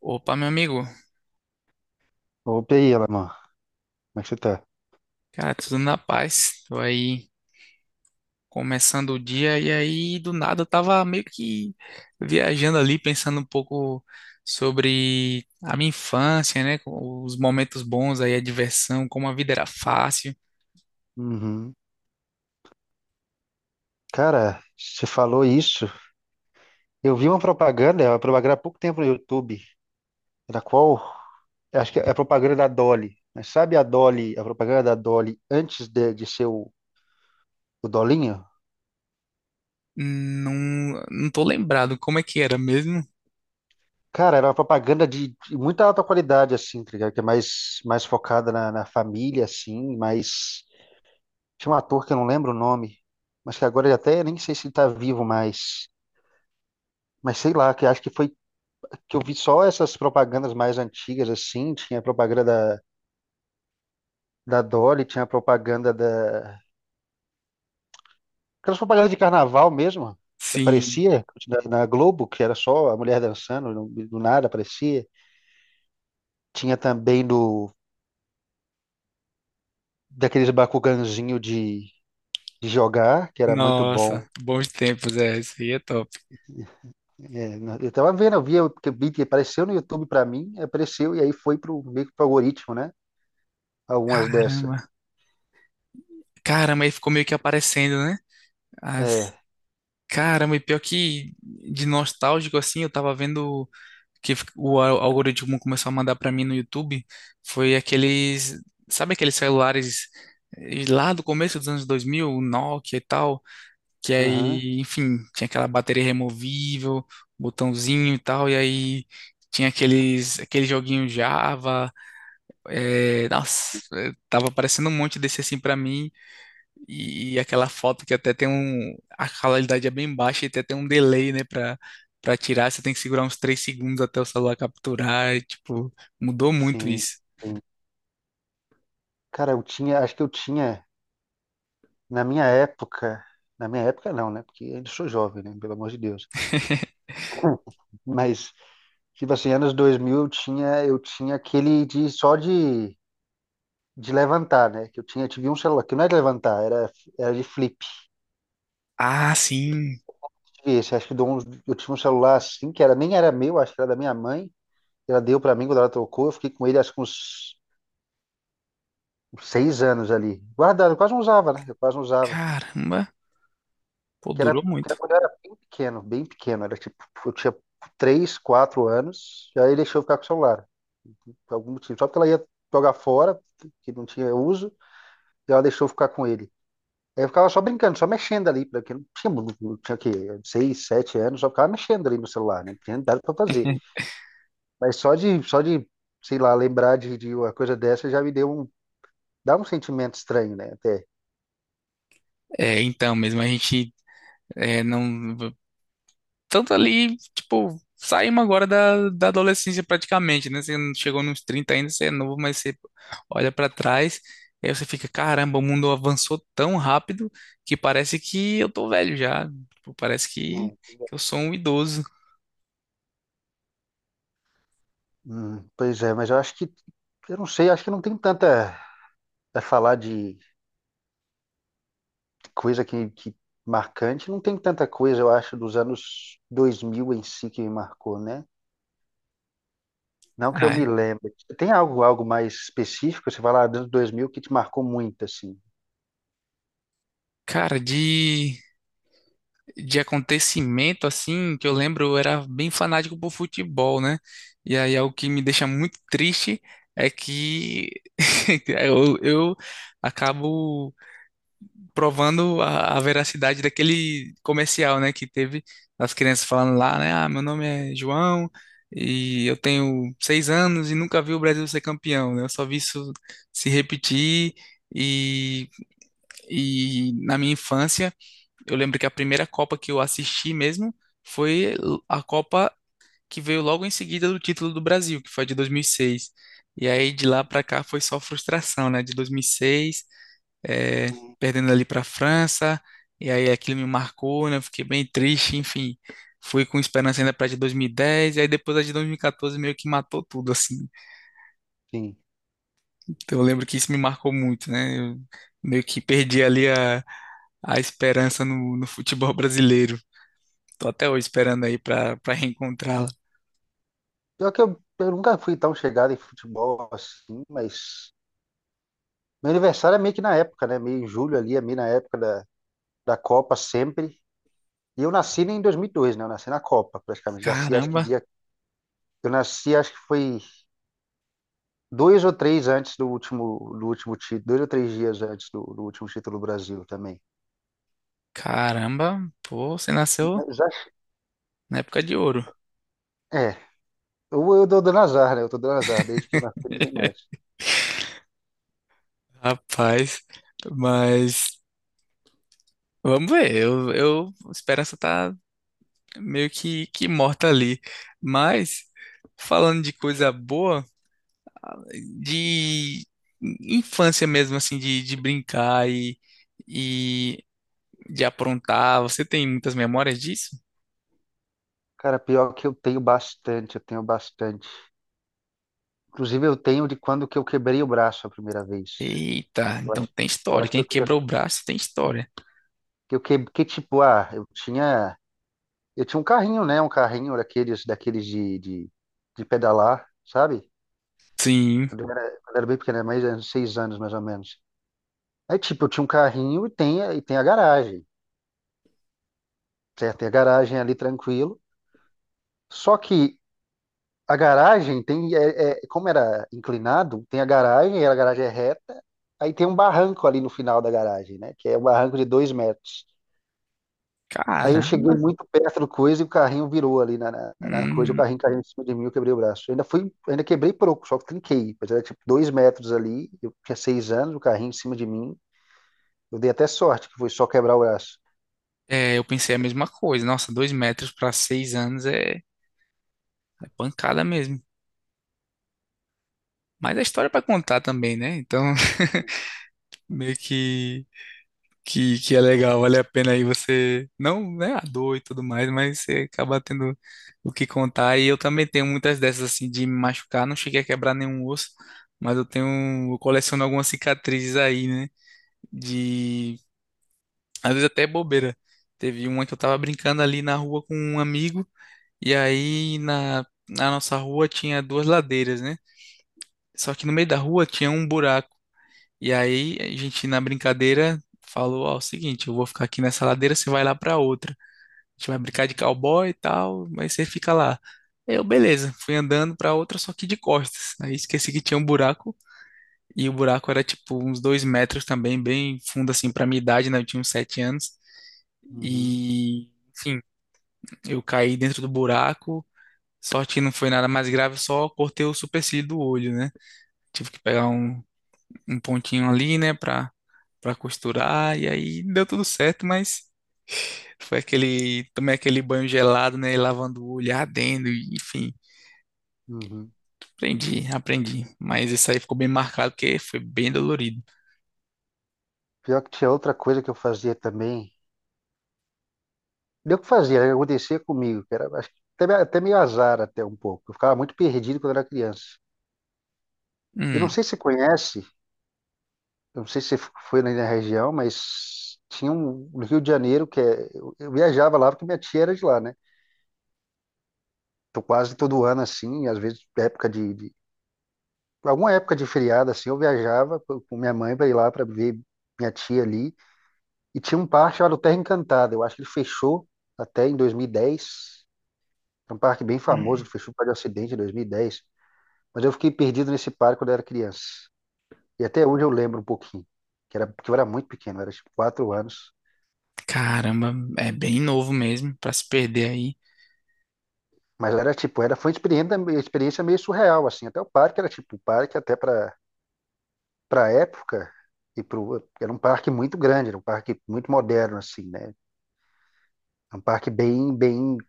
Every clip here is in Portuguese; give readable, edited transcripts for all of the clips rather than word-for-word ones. Opa, meu amigo. Opa, e aí, Alamã? Como é que você tá? Cara, tudo na paz. Tô aí começando o dia e aí do nada eu tava meio que viajando ali, pensando um pouco sobre a minha infância, né? Com os momentos bons aí, a diversão, como a vida era fácil. Uhum. Cara, você falou isso. Eu vi uma propaganda, é uma propaganda há pouco tempo no YouTube, na qual, acho que é a propaganda da Dolly. Mas sabe a Dolly, a propaganda da Dolly antes de ser o Dolinho? Não, não tô lembrado como é que era mesmo. Cara, era uma propaganda de muita alta qualidade, assim, tá ligado? Que é mais focada na família, assim, mas. Tinha um ator que eu não lembro o nome, mas que agora ele até nem sei se ele tá vivo mais. Mas sei lá, que acho que foi que eu vi só essas propagandas mais antigas, assim, tinha a propaganda da Dolly, tinha a propaganda da. Aquelas propagandas de carnaval mesmo, que Sim. aparecia na Globo, que era só a mulher dançando, do nada aparecia. Tinha também do daqueles Bakuganzinho de jogar, que era muito bom. Nossa, bons tempos, é, isso aí é top. É, eu tava vendo, eu via que o Beat apareceu no YouTube pra mim, apareceu e aí foi pro meio que pro algoritmo, né? Algumas dessas. Caramba. Caramba, aí ficou meio que aparecendo, né? É, Caramba, e pior que de nostálgico assim, eu tava vendo que o algoritmo começou a mandar pra mim no YouTube, foi aqueles, sabe aqueles celulares lá do começo dos anos dois mil, o Nokia e tal, que aham, aí, enfim, tinha aquela bateria removível, botãozinho e tal, e aí tinha aqueles, aquele joguinho Java, nossa, tava aparecendo um monte desse assim pra mim, e aquela foto que até tem um. A qualidade é bem baixa e até tem um delay, né, pra tirar. Você tem que segurar uns 3 segundos até o celular capturar. E, tipo, mudou muito sim, isso. sim. Cara, eu tinha, acho que eu tinha Na minha época, na minha época não, né? Porque eu ainda sou jovem, né? Pelo amor de Deus. Mas, tipo assim, anos 2000 eu tinha aquele de só de levantar, né? Que eu tinha, eu tive um celular, que não era de levantar, era, era de flip. Ah, sim. Tive Esse, acho que de um- eu tinha um celular assim, que era, nem era meu, acho que era da minha mãe. Ela deu pra mim quando ela trocou, eu fiquei com ele acho que uns 6 anos ali. Guardado, eu quase não usava, né? Eu quase não usava. Caramba. Pô, Que era, durou que muito. era quando eu era bem pequeno, bem pequeno. Era tipo, eu tinha 3, 4 anos, e aí deixou eu ficar com o celular, por algum motivo. Só porque ela ia jogar fora, que não tinha uso, e ela deixou eu ficar com ele. Aí eu ficava só brincando, só mexendo ali, porque eu não tinha, não tinha o quê? 6, 7 anos, só ficava mexendo ali no celular, né? Não tinha nada pra fazer. Mas só de, sei lá, lembrar de uma coisa dessa já me dá um sentimento estranho, né? Até. É, então, mesmo a gente é, não tanto ali, tipo, saímos agora da adolescência praticamente, né? Você não chegou nos 30 ainda, você é novo, mas você olha pra trás, e aí você fica, caramba, o mundo avançou tão rápido que parece que eu tô velho já. Tipo, parece É. que eu sou um idoso. Pois é, mas eu acho que, eu não sei, acho que não tem tanta a falar de coisa que marcante, não tem tanta coisa, eu acho, dos anos 2000 em si que me marcou, né? Não que eu Ah, me lembre. Tem algo, algo mais específico, você fala, ah, dos anos 2000 que te marcou muito, assim? cara, de acontecimento assim, que eu lembro, eu era bem fanático por futebol, né? E aí algo que me deixa muito triste é que eu acabo provando a veracidade daquele comercial, né, que teve as crianças falando lá, né, ah, meu nome é João e eu tenho 6 anos e nunca vi o Brasil ser campeão, né, eu só vi isso se repetir e, e na minha infância eu lembro que a primeira Copa que eu assisti mesmo foi a Copa que veio logo em seguida do título do Brasil, que foi a de 2006. E seis. E aí de lá para cá foi só frustração, né? De 2006 eh, Hum. perdendo ali para a França, e aí aquilo me marcou, né? Eu fiquei bem triste, enfim. Fui com esperança ainda para a de 2010, e dez, e aí depois a de 2014 meio que matou tudo, assim. Sim. Então eu lembro que isso me marcou muito, né? Eu meio que perdi ali a esperança no, no futebol brasileiro. Tô até hoje esperando aí para para reencontrá-la. Pior que eu nunca fui tão chegado em futebol assim, mas meu aniversário é meio que na época, né? Meio em julho ali, é meio na época da Copa sempre. E eu nasci em 2002, né? Eu nasci na Copa, praticamente. Nasci, acho que Caramba, dia. Eu nasci, acho que foi Dois ou três antes do último título, dois ou três dias antes do último título do Brasil também. caramba, pô, você nasceu Mas acho- na época de ouro. é, eu dou dando azar, né? Eu tô dando azar desde que eu nasci, não tem mais. Rapaz, mas vamos ver, eu, a esperança tá meio que morta ali. Mas, falando de coisa boa, de infância mesmo, assim, de brincar e de aprontar, você tem muitas memórias disso? Cara, pior que eu tenho bastante. Inclusive, eu tenho de quando que eu quebrei o braço a primeira vez. Eita, Eu então acho, tem eu história. acho que Quem eu tinha, quebrou o braço tem história. que eu que tipo, ah, eu tinha um carrinho, né? Um carrinho daqueles, daqueles de pedalar, sabe? Sim, Quando eu era bem pequeno, mais uns 6 anos mais ou menos. Aí, tipo, eu tinha um carrinho e tem, e tem a garagem, certo? Tem a garagem ali tranquilo. Só que a garagem tem, como era inclinado, tem a garagem, e a garagem é reta, aí tem um barranco ali no final da garagem, né? Que é um barranco de 2 metros. Aí eu cara. cheguei muito perto do coisa e o carrinho virou ali na coisa, o Hum, carrinho caiu em cima de mim, eu quebrei o braço. Ainda quebrei pouco, só que trinquei. Mas era tipo 2 metros ali, eu tinha 6 anos, o carrinho em cima de mim. Eu dei até sorte, que foi só quebrar o braço. é, eu pensei a mesma coisa. Nossa, 2 metros para 6 anos é, é pancada mesmo. Mas a história é para contar também, né? Então, meio que, que é legal, vale a pena aí você, não, né, a dor e tudo mais, mas você acaba tendo o que contar. E eu também tenho muitas dessas, assim, de me machucar, não cheguei a quebrar nenhum osso, mas eu tenho, eu coleciono algumas cicatrizes aí, né, de, às vezes até bobeira. Teve uma que eu tava brincando ali na rua com um amigo, e aí na, na nossa rua tinha duas ladeiras, né? Só que no meio da rua tinha um buraco. E aí a gente, na brincadeira, falou: "Ó, é o seguinte, eu vou ficar aqui nessa ladeira, você vai lá pra outra. A gente vai brincar de cowboy e tal, mas você fica lá." Eu, beleza, fui andando pra outra, só que de costas. Aí esqueci que tinha um buraco, e o buraco era tipo uns 2 metros também, bem fundo assim pra minha idade, né? Eu tinha uns 7 anos. Uhum, E, enfim, eu caí dentro do buraco. Sorte que não foi nada mais grave, só cortei o supercílio do olho, né? Tive que pegar um, um pontinho ali, né, pra para costurar, e aí deu tudo certo, mas foi aquele, também aquele banho gelado, né, lavando o olho, ardendo, e, enfim, uhum. aprendi, aprendi, mas isso aí ficou bem marcado, porque foi bem dolorido. Pior que tinha outra coisa que eu fazia também. Deu que fazia, né? Acontecia comigo, que era acho que até, até meio azar até um pouco. Eu ficava muito perdido quando era criança. Eu não Hum, sei se você conhece, eu não sei se você foi na região, mas tinha um no Rio de Janeiro que é, eu viajava lá porque minha tia era de lá, né? Então quase todo ano assim, às vezes época de alguma época de feriado assim, eu viajava com minha mãe para ir lá para ver minha tia ali e tinha um parque chamado Terra Encantada. Eu acho que ele fechou até em 2010. É um parque bem famoso hum, que fechou por causa de acidente em 2010. Mas eu fiquei perdido nesse parque quando eu era criança. E até hoje eu lembro um pouquinho. Que era, porque eu era muito pequeno, eu era tipo 4 anos. caramba, é bem novo mesmo, para se perder aí. Mas era tipo, era, foi uma experiência meio surreal, assim. Até o parque era tipo, o parque até para época, era um parque muito grande, era um parque muito moderno, assim, né? Era um parque bem, bem,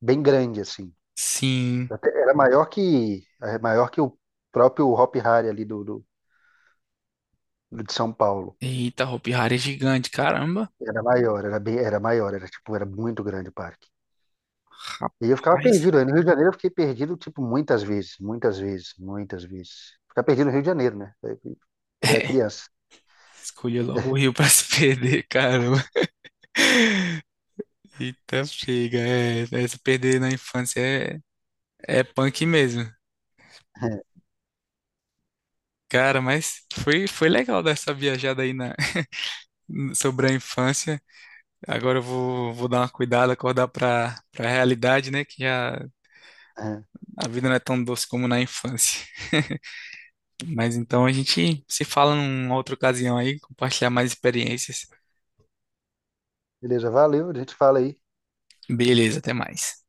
bem grande, assim. Sim. Até era maior que, é, maior que o próprio Hop Hari ali do de São Paulo. Eita, Hopi Hari é gigante, caramba. Era maior, era bem, era maior, era tipo, era muito grande o parque. E eu ficava Rapaz. perdido. Aí no Rio de Janeiro eu fiquei perdido, tipo, muitas vezes, muitas vezes, muitas vezes. Ficar perdido no Rio de Janeiro, né? Aí, quando eu era É, criança. escolheu logo o Rio pra se perder, caramba. Eita, chega. É, é, se perder na infância é, é punk mesmo. Cara, mas foi, foi legal dar essa viajada aí na, sobre a infância. Agora eu vou, vou dar uma cuidada, acordar pra, pra realidade, né? Que É. a vida não é tão doce como na infância. Mas então a gente se fala numa outra ocasião aí, compartilhar mais experiências. Beleza, valeu, a gente fala aí. Beleza, até mais.